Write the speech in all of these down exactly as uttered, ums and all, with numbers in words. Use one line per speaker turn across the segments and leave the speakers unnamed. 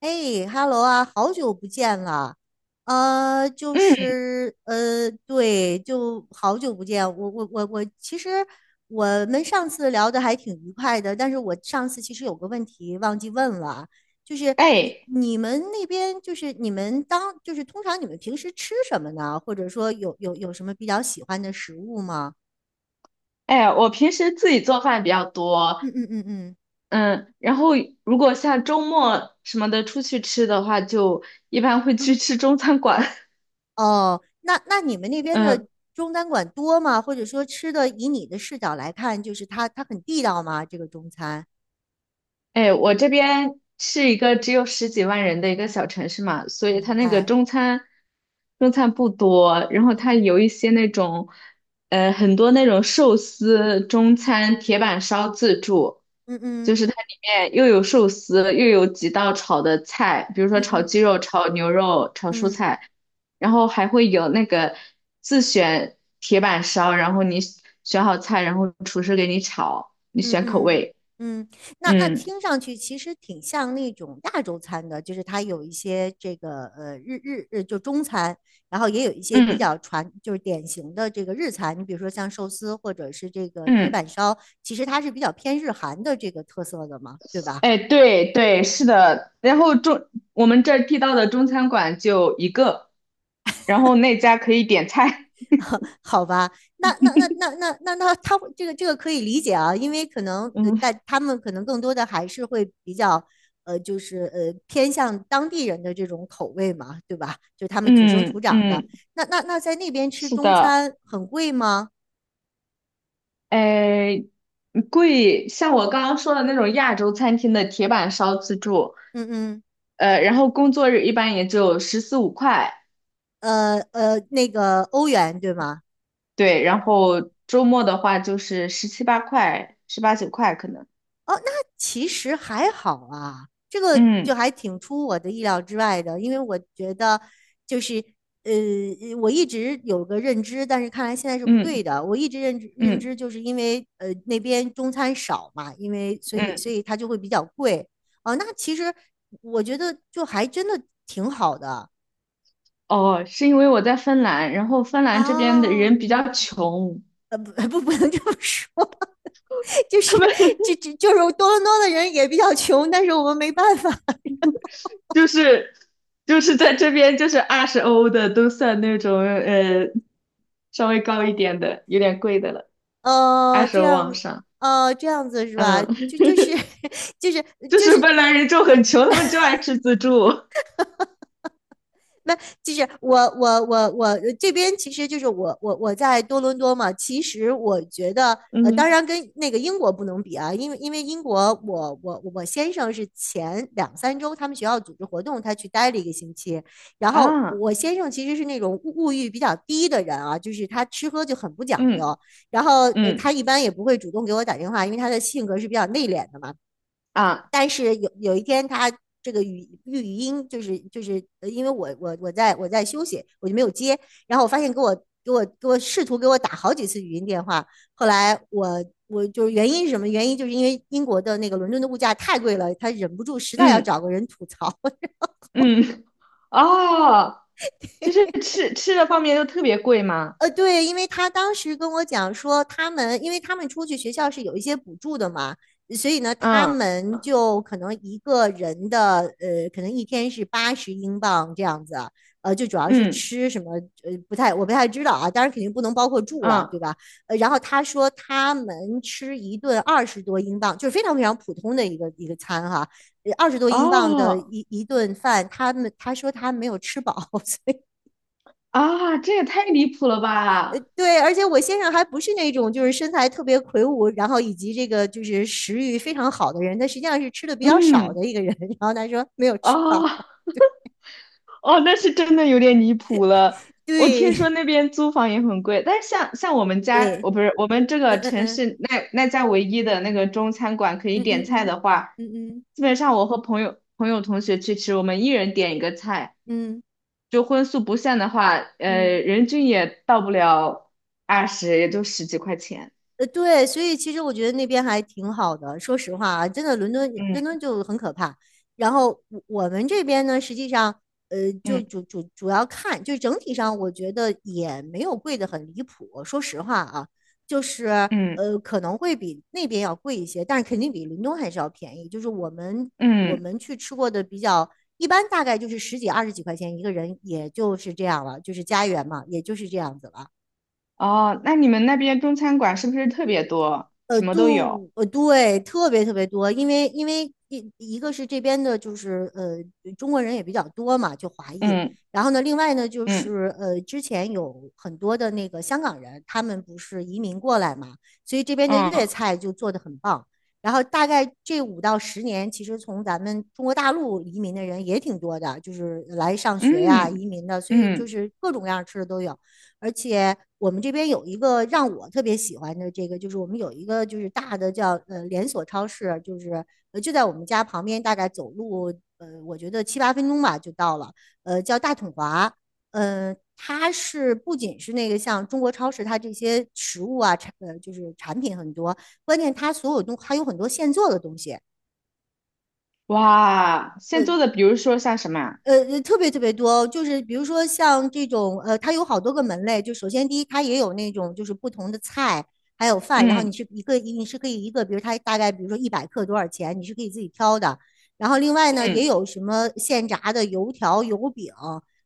哎哈喽啊，好久不见了，呃，就
嗯，
是呃，对，就好久不见。我我我我，其实我们上次聊的还挺愉快的，但是我上次其实有个问题忘记问了，就是你
哎
你们那边就是你们当就是通常你们平时吃什么呢？或者说有有有什么比较喜欢的食物吗？
哎，我平时自己做饭比较多，
嗯嗯嗯嗯。
嗯，然后如果像周末什么的出去吃的话，就一般会去吃中餐馆，
哦，那那你们那边的
嗯。
中餐馆多吗？或者说吃的，以你的视角来看，就是它它很地道吗？这个中餐，
哎，我这边是一个只有十几万人的一个小城市嘛，所以它
明
那个
白。
中餐中餐不多，然后它
嗯
有一些那种，呃，很多那种寿司中餐铁板烧自助，就
嗯
是它里面又有寿司，又有几道炒的菜，比如说
嗯
炒鸡
嗯
肉、炒牛肉、炒蔬
嗯
菜，然后还会有那个自选铁板烧，然后你选好菜，然后厨师给你炒，你
嗯
选口
嗯
味，
嗯，那那
嗯
听上去其实挺像那种亚洲餐的，就是它有一些这个呃日日日就中餐，然后也有一些比
嗯。
较传就是典型的这个日餐，你比如说像寿司或者是这个铁板
嗯，
烧，其实它是比较偏日韩的这个特色的嘛，对吧？
哎，对对，是
嗯。
的。然后中我们这儿地道的中餐馆就一个，然后那家可以点菜。
好吧，那那那那那那那他这个这个可以理解啊，因为可能 呃，
嗯，
但他们可能更多的还是会比较呃，就是呃偏向当地人的这种口味嘛，对吧？就他们土生土
嗯
长的。
嗯，
那那那在那边吃
是
中
的。
餐很贵吗？
哎，贵，像我刚刚说的那种亚洲餐厅的铁板烧自助，
嗯嗯。
呃，然后工作日一般也就十四五块，
呃呃，那个欧元对吗？
对，然后周末的话就是十七八块、十八九块可能。
哦，那其实还好啊，这个就
嗯
还挺出我的意料之外的，因为我觉得就是呃，我一直有个认知，但是看来现在是不对
嗯
的。我一直认知认
嗯
知就是因为呃那边中餐少嘛，因为所以所
嗯，
以它就会比较贵。哦，那其实我觉得就还真的挺好的。
哦，是因为我在芬兰，然后芬兰这边的
哦，
人比
明
较
白。
穷，
呃，不不，不能这么说，就
他
是
们
就就就是多伦多的人也比较穷，但是我们没办法。
就是就是在这边就是二十欧的都算那种呃稍微高一点的，有点贵的了，二
哦，
十
这
欧
样。
往上。
哦，这样子是吧？
嗯，
就就是 就是
就
就
是
是
芬兰人就很穷，他们就爱吃自助。
那就是我我我我这边其实就是我我我在多伦多嘛。其实我觉得，呃，当
嗯
然跟那个英国不能比啊，因为因为英国我我我先生是前两三周他们学校组织活动，他去待了一个星期。然后
啊，
我先生其实是那种物物欲比较低的人啊，就是他吃喝就很不讲究。
嗯
然后呃，他
嗯
一般也不会主动给我打电话，因为他的性格是比较内敛的嘛。
啊，
但是有有一天他这个语语音就是就是呃因为我我我在我在休息，我就没有接，然后我发现给我给我给我试图给我打好几次语音电话，后来我我就是原因是什么原因？就是因为英国的那个伦敦的物价太贵了，他忍不住实在要
嗯
找个人吐槽。
嗯哦，就是吃吃的方面都特别贵嘛。
呃，对，因为他当时跟我讲说，他们因为他们出去学校是有一些补助的嘛，所以呢，他
嗯
们就可能一个人的呃，可能一天是八十英镑这样子，呃，就主要是
嗯
吃什么，呃，不太我不太知道啊，当然肯定不能包括住了，对
嗯
吧？呃，然后他说他们吃一顿二十多英镑，就是非常非常普通的一个一个餐哈，呃二十多英镑的
哦
一一顿饭，他们他说他没有吃饱。
啊，这也太离谱了吧！
对，而且我先生还不是那种就是身材特别魁梧，然后以及这个就是食欲非常好的人，他实际上是吃的比较少
嗯，
的一个人。然后他说没有吃饱，
啊，哦，那是真的有点离谱了。我听说
对
那边租房也很贵，但是像像我们家，
对，
我不是我们这
嗯
个
嗯
城
嗯
市那那家唯一的那个中餐馆可以
嗯
点菜
嗯
的话，
嗯嗯
基本上我和朋友朋友同学去吃，我们一人点一个菜，
嗯嗯
就荤素不限的话，呃，
嗯。
人均也到不了二十，也就十几块钱。
呃，对，所以其实我觉得那边还挺好的。说实话啊，真的，伦敦伦敦
嗯
就很可怕。然后我我们这边呢，实际上，呃，就
嗯
主主主要看，就整体上，我觉得也没有贵的很离谱。说实话啊，就是
嗯
呃，可能会比那边要贵一些，但是肯定比伦敦还是要便宜。就是我们我
嗯。
们去吃过的比较一般，大概就是十几二十几块钱一个人，也就是这样了，就是家园嘛，也就是这样子了。
哦，那你们那边中餐馆是不是特别多？
呃，
什么都有。
度呃，对，特别特别多，因为因为一一个是这边的，就是呃，中国人也比较多嘛，就华裔。
嗯
然后呢，另外呢，就
嗯
是呃，之前有很多的那个香港人，他们不是移民过来嘛，所以这边的粤
嗯
菜就做得很棒。然后大概这五到十年，其实从咱们中国大陆移民的人也挺多的，就是来上学呀、
嗯
移民的，所以就
嗯，
是各种各样吃的都有。而且我们这边有一个让我特别喜欢的这个，就是我们有一个就是大的叫呃连锁超市，就是呃就在我们家旁边，大概走路呃我觉得七八分钟吧就到了，呃叫大统华，呃它是不仅是那个像中国超市，它这些食物啊产呃就是产品很多，关键它所有东还有很多现做的东西，
哇！现
呃
做的，比如说像什么啊
呃，呃特别特别多，就是比如说像这种，呃，它有好多个门类。就首先第一，它也有那种就是不同的菜，还有饭，然后
嗯
你是一个，你是可以一个，比如它大概比如说一百克多少钱，你是可以自己挑的。然后另外呢，也
嗯
有什么现炸的油条、油饼，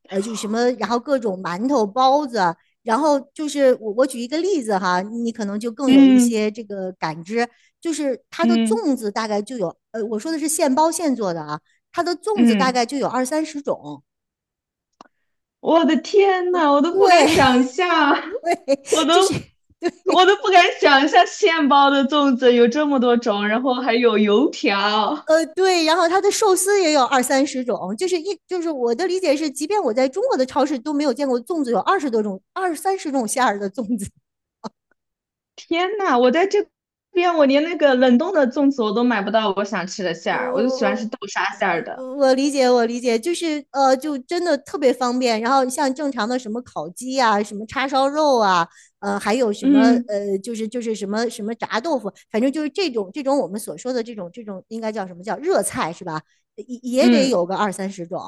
呃，就什么，然后各种馒头、包子。然后就是我我举一个例子哈，你可能就更有一
嗯
些这个感知，就是它的
嗯
粽子大概就有，呃，我说的是现包现做的啊。它的粽子大概
嗯，
就有二三十种，
我的天呐，我都不敢
对，
想象，我
就
都
是
我都不敢想象现包的粽子有这么多种，然后还有油条。
呃对，然后它的寿司也有二三十种，就是一就是我的理解是，即便我在中国的超市都没有见过粽子有二十多种、二三十种馅儿的粽子。
天呐，我在这边，我连那个冷冻的粽子我都买不到我想吃的馅儿，我就喜欢吃
哦，
豆沙馅儿的。
我理解，我理解，就是呃，就真的特别方便。然后像正常的什么烤鸡啊，什么叉烧肉啊，呃，还有什么
嗯
呃，就是就是什么什么炸豆腐，反正就是这种这种我们所说的这种这种应该叫什么叫热菜是吧？也也得
嗯，
有个二三十种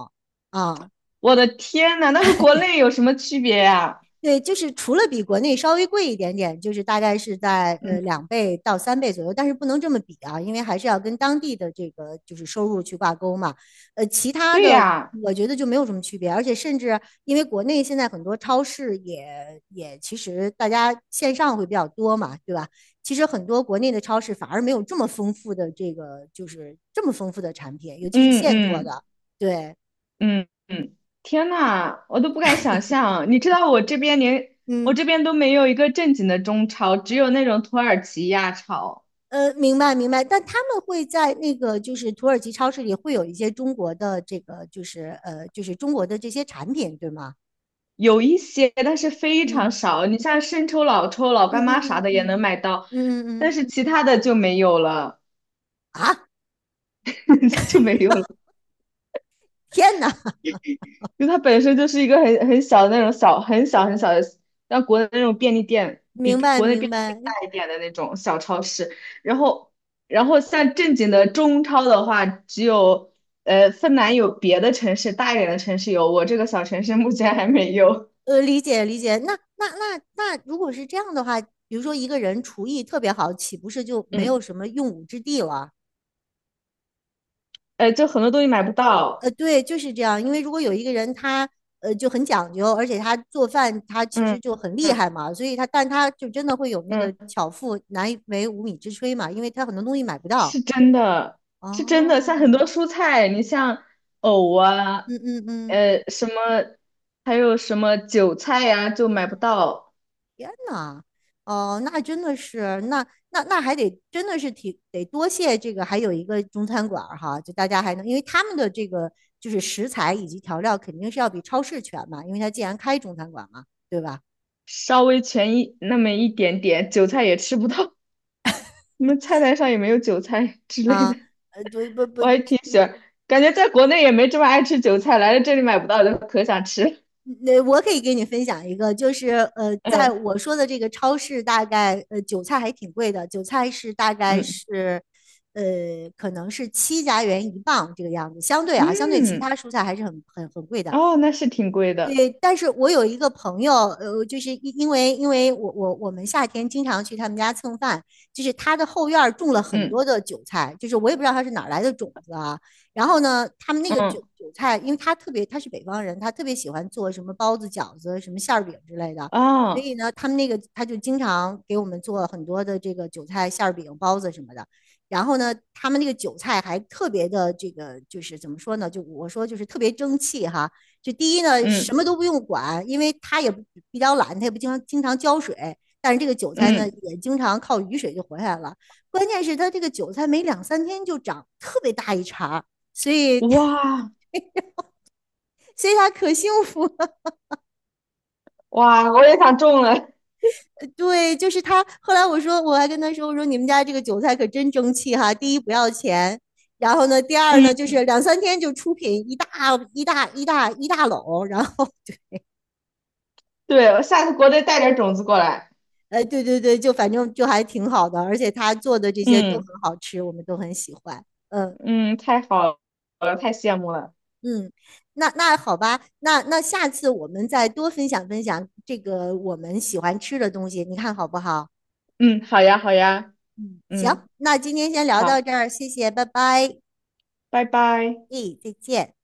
啊。
我的天呐，那和国内有什么区别呀？
对，就是除了比国内稍微贵一点点，就是大概是在
嗯，
呃两倍到三倍左右，但是不能这么比啊，因为还是要跟当地的这个就是收入去挂钩嘛。呃，其他
对
的
呀，
我觉得就没有什么区别，而且甚至因为国内现在很多超市也也其实大家线上会比较多嘛，对吧？其实很多国内的超市反而没有这么丰富的这个就是这么丰富的产品，尤其是
嗯
现做
嗯
的。对，
嗯嗯，天呐，我都不敢想象。你知道我这边连我
嗯。
这边都没有一个正经的中超，只有那种土耳其亚超，
呃，明白明白，但他们会在那个就是土耳其超市里会有一些中国的这个就是呃就是中国的这些产品，对吗？
有一些，但是非常
嗯
少。你像生抽、老抽、老
嗯
干妈
嗯
啥
嗯
的也能
嗯
买到，
嗯嗯
但
嗯。
是其他的就没有了。
啊！
就没有了，
天哪，
因为它本身就是一个很很小的那种小很小很小的，像国内那种便利店比
明
比
白
国内
明
便利店
白。
大一点的那种小超市。然后，然后像正经的中超的话，只有呃芬兰有，别的城市大一点的城市有，我这个小城市目前还没有。
呃，理解理解。那那那那，如果是这样的话，比如说一个人厨艺特别好，岂不是就没
嗯，
有什么用武之地了？
呃，就很多东西买不到。
呃，对，就是这样。因为如果有一个人他呃就很讲究，而且他做饭他其实
嗯
就很厉
嗯
害嘛，所以他但他就真的会有那个
嗯。
巧妇难为无米之炊嘛，因为他很多东西买不
是
到。
真的，是真的，
哦。
像很多蔬菜，你像藕啊，
嗯嗯嗯。
呃，什么，还有什么韭菜呀、就买不到，
天呐。哦，那真的是，那那那还得真的是挺得多谢这个，还有一个中餐馆儿哈，就大家还能，因为他们的这个就是食材以及调料肯定是要比超市全嘛，因为他既然开中餐馆嘛，对吧？
稍微全一那么一点点，韭菜也吃不到，你们菜单上也没有韭菜之类的，
啊。呃，对，不不，
感觉在国内也没这么爱吃韭菜，来了这里买不到就可想吃，
那我可以给你分享一个，就是呃，在
嗯
我说的这个超市，大概呃韭菜还挺贵的，韭菜是大概
嗯
是呃可能是七加元一磅这个样子，相对啊，相对其他
嗯，
蔬菜还是很很很贵的。
哦，那是挺贵的，
对，但是我有一个朋友，呃，就是因因为因为我我我们夏天经常去他们家蹭饭，就是他的后院儿种了很多
嗯
的韭菜，就是我也不知道他是哪儿来的种子啊。然后呢，他们那个韭
嗯
韭菜，因为他特别他是北方人，他特别喜欢做什么包子、饺子、什么馅儿饼之类的，所
啊
以呢，他们那个他就经常给我们做很多的这个韭菜馅儿饼、包子什么的。然后呢，他们那个韭菜还特别的这个，就是怎么说呢？就我说就是特别争气哈。就第一呢，什
嗯
么都不用管，因为它也比较懒，它也不经常经常浇水。但是这个韭菜呢，
嗯，
也经常靠雨水就活下来了。关键是它这个韭菜没两三天就长特别大一茬，所以
哇
所以它可幸福了。
哇，我也想种了。
对，就是他。后来我说，我还跟他说，我说你们家这个韭菜可真争气哈。第一不要钱，然后呢，第二
嗯
呢就是两三天就出品一大一大一大一大篓，然后
对，我下次国内带点种子过来。
哎，对对对，就反正就还挺好的，而且他做的这些都
嗯
很好吃，我们都很喜欢。嗯
嗯，太好了，太羡慕了。
嗯。那那好吧。那那下次我们再多分享分享这个我们喜欢吃的东西，你看好不好？
嗯，好呀好呀，
嗯，行，
嗯，
那今天先聊到
好，
这儿，谢谢，拜拜，
拜拜。
诶，再见。